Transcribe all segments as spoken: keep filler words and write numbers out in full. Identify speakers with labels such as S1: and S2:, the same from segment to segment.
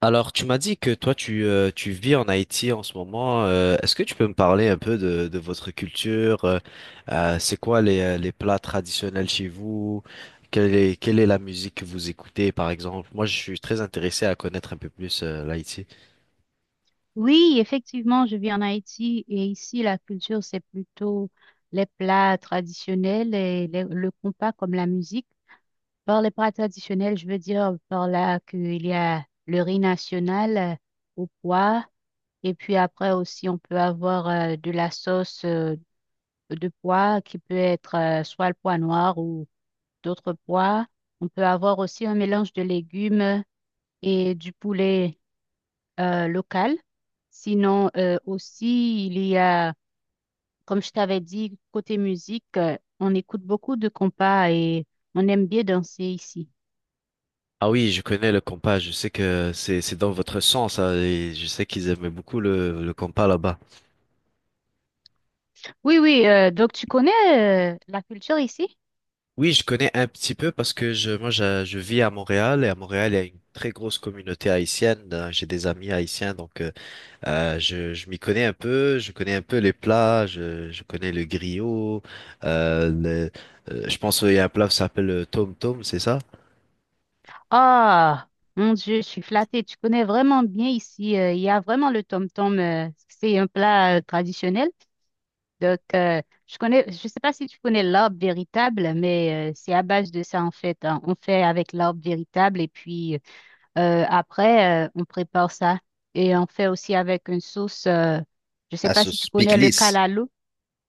S1: Alors, tu m'as dit que toi, tu, euh, tu vis en Haïti en ce moment. Euh, est-ce que tu peux me parler un peu de, de votre culture? Euh, euh, c'est quoi les, euh, les plats traditionnels chez vous? Quelle est, quelle est la musique que vous écoutez, par exemple? Moi, je suis très intéressé à connaître un peu plus euh, l'Haïti.
S2: Oui, effectivement, je vis en Haïti et ici, la culture, c'est plutôt les plats traditionnels et les- le compas comme la musique. Par les plats traditionnels, je veux dire par là qu'il y a le riz national euh, au pois et puis après aussi, on peut avoir euh, de la sauce euh, de pois qui peut être euh, soit le pois noir ou d'autres pois. On peut avoir aussi un mélange de légumes et du poulet euh, locales. Sinon, euh, aussi, il y a, comme je t'avais dit, côté musique, euh, on écoute beaucoup de compas et on aime bien danser ici.
S1: Ah oui, je connais le compas. Je sais que c'est, c'est dans votre sang, ça. Et je sais qu'ils aimaient beaucoup le, le compas là-bas.
S2: Oui, oui, euh, donc tu connais euh, la culture ici?
S1: Oui, je connais un petit peu parce que je, moi, je, je vis à Montréal, et à Montréal il y a une très grosse communauté haïtienne. Euh, J'ai des amis haïtiens, donc. euh, Euh, je je m'y connais un peu, je connais un peu les plats, je, je connais le griot. euh, le- euh, je pense qu'il y a un plat qui s'appelle le tom tom, c'est ça?
S2: Ah, mon Dieu, je suis flattée. Tu connais vraiment bien ici. Euh, il y a vraiment le tom-tom. Euh, c'est un plat euh, traditionnel. Donc, euh, je connais, je sais pas si tu connais l'arbre véritable, mais euh, c'est à base de ça, en fait, hein. On fait avec l'arbre véritable et puis Euh, après, euh, on prépare ça et on fait aussi avec une sauce. Euh, je sais
S1: À
S2: pas si
S1: sauce
S2: tu connais le
S1: pickles.
S2: calalo.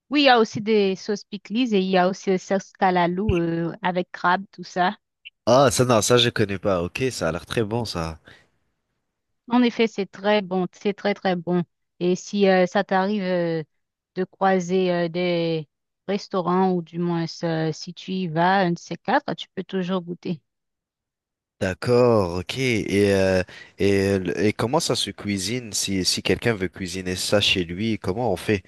S2: Oui, il y a aussi des sauces pickles et il y a aussi des sauces calalo euh, avec crabe, tout ça.
S1: Ah, ça, non, ça, je connais pas. Ok, ça a l'air très bon, ça.
S2: En effet, c'est très bon, c'est très très bon. Et si euh, ça t'arrive euh, de croiser euh, des restaurants ou du moins euh, si tu y vas, un de ces quatre, tu peux toujours goûter.
S1: D'accord, ok. Et, euh, et, le- et comment ça se cuisine si, si quelqu'un veut cuisiner ça chez lui, comment on fait?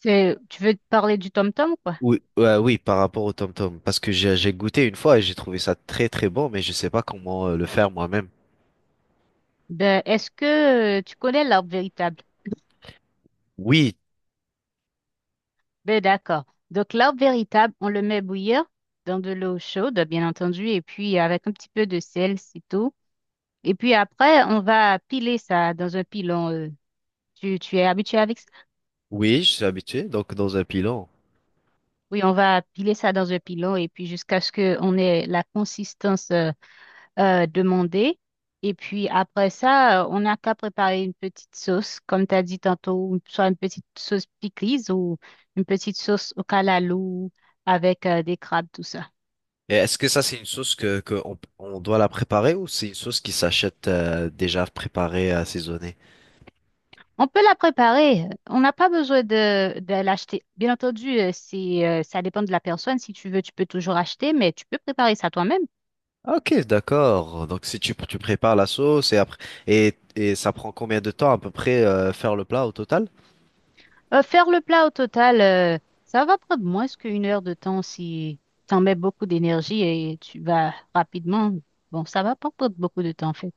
S2: C'est- Tu veux te parler du tom-tom, quoi?
S1: Oui, ouais, oui, par rapport au tom-tom. Parce que j'ai j'ai goûté une fois et j'ai trouvé ça très très bon, mais je sais pas comment euh, le faire moi-même.
S2: Ben, est-ce que euh, tu connais l'arbre véritable?
S1: Oui,
S2: Ben d'accord. Donc l'arbre véritable, on le met bouillir dans de l'eau chaude, bien entendu, et puis avec un petit peu de sel, c'est tout. Et puis après, on va piler ça dans un pilon. Euh, tu, tu es habitué avec ça?
S1: oui, je suis habitué, donc dans un pilon.
S2: Oui, on va piler ça dans un pilon et puis jusqu'à ce qu'on ait la consistance euh, euh, demandée. Et puis après ça, euh, on n'a qu'à préparer une petite sauce, comme tu as dit tantôt, une- soit une petite sauce pickles ou une petite sauce au calalou avec euh, des crabes, tout ça.
S1: Et est-ce que ça, c'est une sauce que, que on, on doit la préparer, ou c'est une sauce qui s'achète euh, déjà préparée, assaisonnée?
S2: On peut la préparer. On n'a pas besoin de, de l'acheter. Bien entendu, euh, c'est, euh, ça dépend de la personne. Si tu veux, tu peux toujours acheter, mais tu peux préparer ça toi-même.
S1: Ah, ok, d'accord. Donc si tu, tu prépares la sauce, et après et, et ça prend combien de temps à peu près euh, faire le plat au total?
S2: Euh, faire le plat au total, euh, ça va prendre moins qu'une heure de temps si tu en mets beaucoup d'énergie et tu vas rapidement. Bon, ça va pas prendre beaucoup de temps, en fait.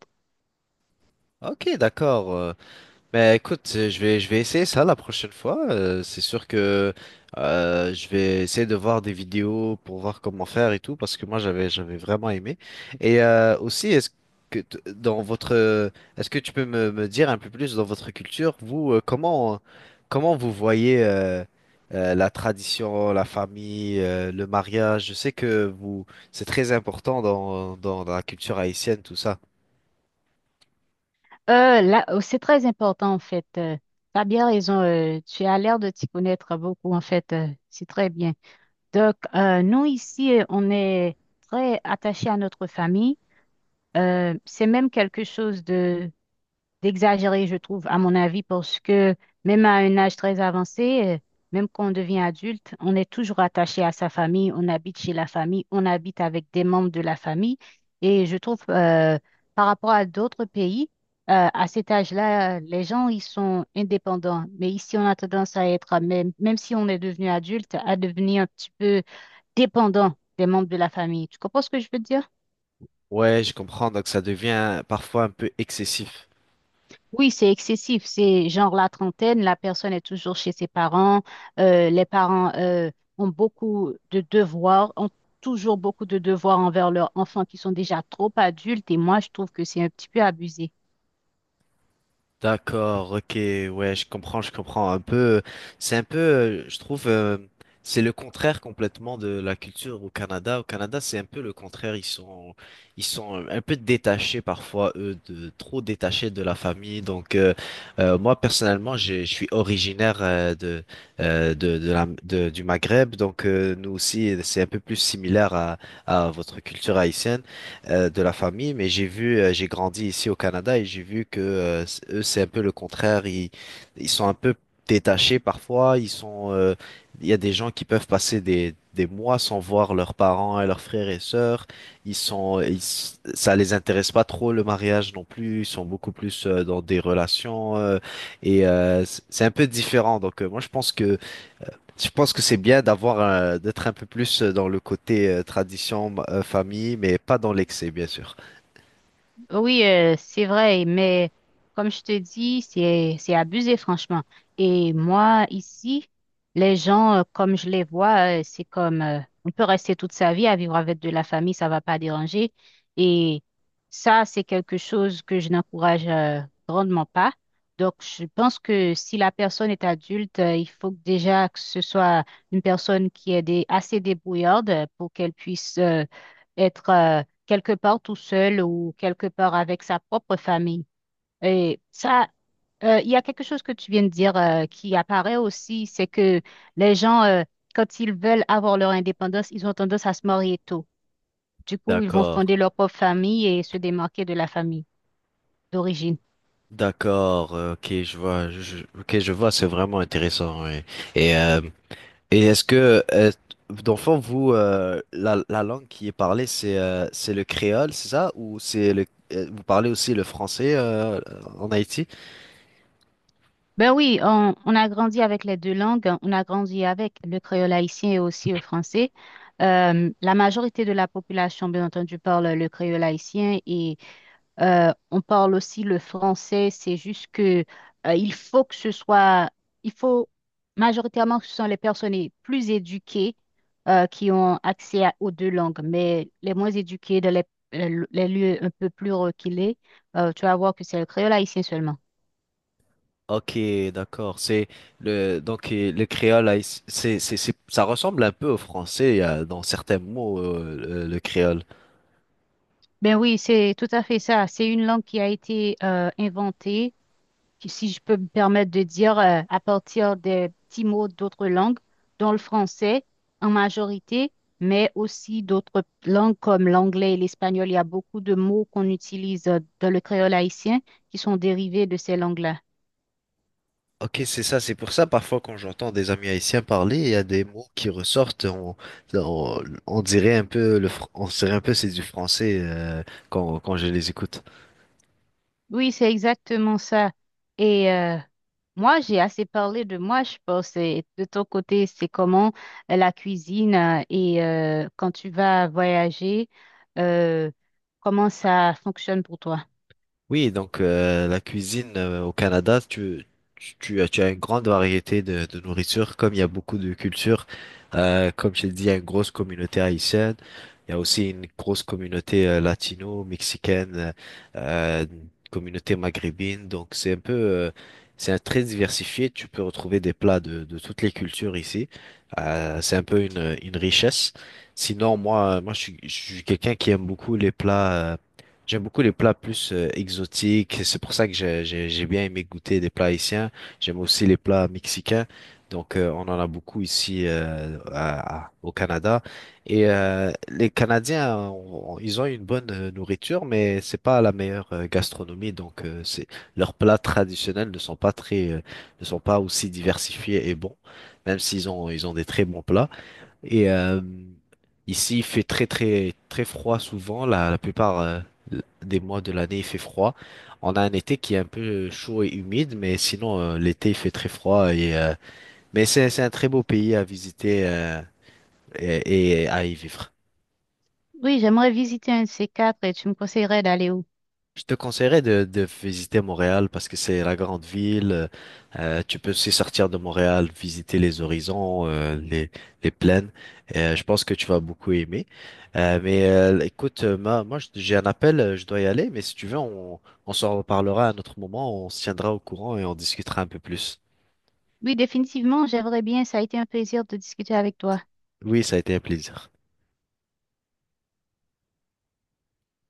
S1: Ok, d'accord. euh, Mais écoute, euh, je vais, je vais essayer ça la prochaine fois. Euh, c'est sûr que euh, je vais essayer de voir des vidéos pour voir comment faire et tout, parce que moi j'avais, j'avais vraiment aimé. Et euh, aussi, est-ce que t- dans votre, euh, est-ce que tu peux me, me dire un peu plus dans votre culture, vous, euh, comment, comment vous voyez euh, euh, la tradition, la famille, euh, le mariage? Je sais que vous, c'est très important dans, dans, dans la culture haïtienne, tout ça.
S2: Euh, là, euh, c'est très important, en fait. Euh, tu bien raison. Euh, tu as l'air de t'y connaître beaucoup, en fait. Euh, c'est très bien. Donc, euh, nous, ici, euh, on est très attachés à notre famille. Euh, c'est même quelque chose de d'exagéré, je trouve, à mon avis, parce que même à un âge très avancé, euh, même quand on devient adulte, on est toujours attaché à sa famille, on habite chez la famille, on habite avec des membres de la famille. Et je trouve, euh, par rapport à d'autres pays, euh, à cet âge-là, les gens, ils sont indépendants. Mais ici, on a tendance à être, même, même si on est devenu adulte, à devenir un petit peu dépendant des membres de la famille. Tu comprends ce que je veux dire?
S1: Ouais, je comprends, donc ça devient parfois un peu excessif.
S2: Oui, c'est excessif. C'est genre la trentaine, la personne est toujours chez ses parents. euh, les parents euh, ont beaucoup de devoirs, ont toujours beaucoup de devoirs envers leurs enfants qui sont déjà trop adultes. Et moi, je trouve que c'est un petit peu abusé.
S1: D'accord, ok, ouais, je comprends, je comprends un peu. C'est un peu, euh, je trouve, euh, c'est le contraire complètement de la culture au Canada. Au Canada, c'est un peu le contraire. Ils sont, ils sont euh, un peu détachés parfois, eux, de trop détachés de la famille. Donc, euh, euh, moi personnellement, j'ai- je suis originaire euh, de, euh, de, de la, de- du Maghreb. Donc, euh, nous aussi, c'est un peu plus similaire à, à votre culture haïtienne euh, de la famille, mais j'ai vu, euh, j'ai grandi ici au Canada, et j'ai vu que euh, c- eux, c'est un peu le contraire. Ils, ils sont un peu détachés parfois. Ils sont, euh, il y a des gens qui peuvent passer des, des mois sans voir leurs parents et leurs frères et sœurs. Ils sont, ils, s- Ça les intéresse pas trop le mariage non plus. Ils sont beaucoup plus euh, dans des relations euh, et euh, c- c'est un peu différent. Donc euh, moi, je pense que je pense que c'est bien d'avoir un- d'être un peu plus dans le côté euh, tradition, euh, famille, mais pas dans l'excès, bien sûr.
S2: Oui, euh, c'est vrai, mais comme je te dis, c'est c'est abusé, franchement. Et moi, ici, les gens, euh, comme je les vois, euh, c'est comme euh, on peut rester toute sa vie à vivre avec de la famille, ça va pas déranger. Et ça, c'est quelque chose que je n'encourage euh, grandement pas. Donc, je pense que si la personne est adulte, euh, il faut que déjà que ce soit une personne qui est dé- assez débrouillarde pour qu'elle puisse euh, être euh, quelque part tout seul ou quelque part avec sa propre famille. Et ça, euh, il y a quelque chose que tu viens de dire euh, qui apparaît aussi, c'est que les gens, euh, quand ils veulent avoir leur indépendance, ils ont tendance à se marier tôt. Du coup, ils vont
S1: D'accord,
S2: fonder leur propre famille et se démarquer de la famille d'origine.
S1: d'accord, euh, ok, je vois, je, je- ok, je vois, c'est vraiment intéressant. Ouais. Et, euh, et est-ce que, euh, d'enfant, vous, euh, la, la langue qui est parlée, c'est euh, c'est le créole, c'est ça? Ou c'est le, euh, vous parlez aussi le français euh, en Haïti?
S2: Ben oui, on, on a grandi avec les deux langues, on a grandi avec le créole haïtien et aussi le français. Euh, la majorité de la population, bien entendu, parle le créole haïtien et Euh, on parle aussi le français, c'est juste que euh, il faut que ce soit, il faut majoritairement que ce sont les personnes les plus éduquées euh, qui ont accès à- aux deux langues, mais les moins éduquées dans les, les- les lieux un peu plus reculés, euh, tu vas voir que c'est le créole haïtien seulement.
S1: Ok, d'accord. C'est le donc euh, Le créole, haïti- c'est c'est c'est ça ressemble un peu au français euh, dans certains mots euh, euh, le créole.
S2: Ben oui, c'est tout à fait ça. C'est une langue qui a été euh, inventée qui, si je peux me permettre de dire, euh, à partir des petits mots d'autres langues, dont le français en majorité, mais aussi d'autres langues comme l'anglais et l'espagnol. Il y a beaucoup de mots qu'on utilise euh, dans le créole haïtien qui sont dérivés de ces langues-là.
S1: Ok, c'est ça. C'est pour ça parfois quand j'entends des amis haïtiens parler, il y a des mots qui ressortent. On on, on dirait un peu le fr- on dirait un peu c'est du français euh, quand quand je les écoute.
S2: Oui, c'est exactement ça. Et euh, moi, j'ai assez parlé de moi, je pense. Et de ton côté, c'est comment euh, la cuisine euh, et euh, quand tu vas voyager, euh, comment ça fonctionne pour toi?
S1: Oui, donc euh, la cuisine euh, au Canada, tu, tu, tu as, tu as une grande variété de, de nourriture, comme il y a beaucoup de cultures. Euh, comme je l'ai dit, il y a une grosse communauté haïtienne, il y a aussi une grosse communauté euh, latino, mexicaine, euh, euh, une communauté maghrébine. Donc c'est un peu, euh, c'est un très diversifié. Tu peux retrouver des plats de, de toutes les cultures ici. Euh, c'est un peu une, une richesse. Sinon, moi, moi, je suis, je suis quelqu'un qui aime beaucoup les plats. euh, J'aime beaucoup les plats plus euh, exotiques. C'est pour ça que j'ai j'ai- j'ai bien aimé goûter des plats haïtiens. J'aime aussi les plats mexicains. Donc, euh, on en a beaucoup ici euh, à- à- au Canada. Et euh, les Canadiens, on- on- ils ont une bonne euh, nourriture, mais c'est pas la meilleure euh, gastronomie. Donc, euh, c'est leurs plats traditionnels ne sont pas très, euh, ne sont pas aussi diversifiés et bons, même s'ils ont ils ont des très bons plats. Et euh, ici, il fait très très très froid souvent. La, la plupart euh, des mois de l'année, il fait froid. On a un été qui est un peu chaud et humide, mais sinon euh, l'été, il fait très froid. Et, euh, mais c'est c'est un très beau pays à visiter euh, et, et à y vivre.
S2: Oui, j'aimerais visiter un de ces quatre et tu me conseillerais d'aller où?
S1: Je te conseillerais de, de visiter Montréal parce que c'est la grande ville. Euh, tu peux aussi sortir de Montréal, visiter les horizons, euh, les, les plaines. Euh, je pense que tu vas beaucoup aimer. Euh, mais euh, écoute, euh, ma- moi, je- j'ai un appel, euh, je dois y aller. Mais si tu veux, on, on s'en reparlera à un autre moment. On se tiendra au courant et on discutera un peu plus.
S2: Oui, définitivement, j'aimerais bien. Ça a été un plaisir de discuter avec toi.
S1: Oui, ça a été un plaisir.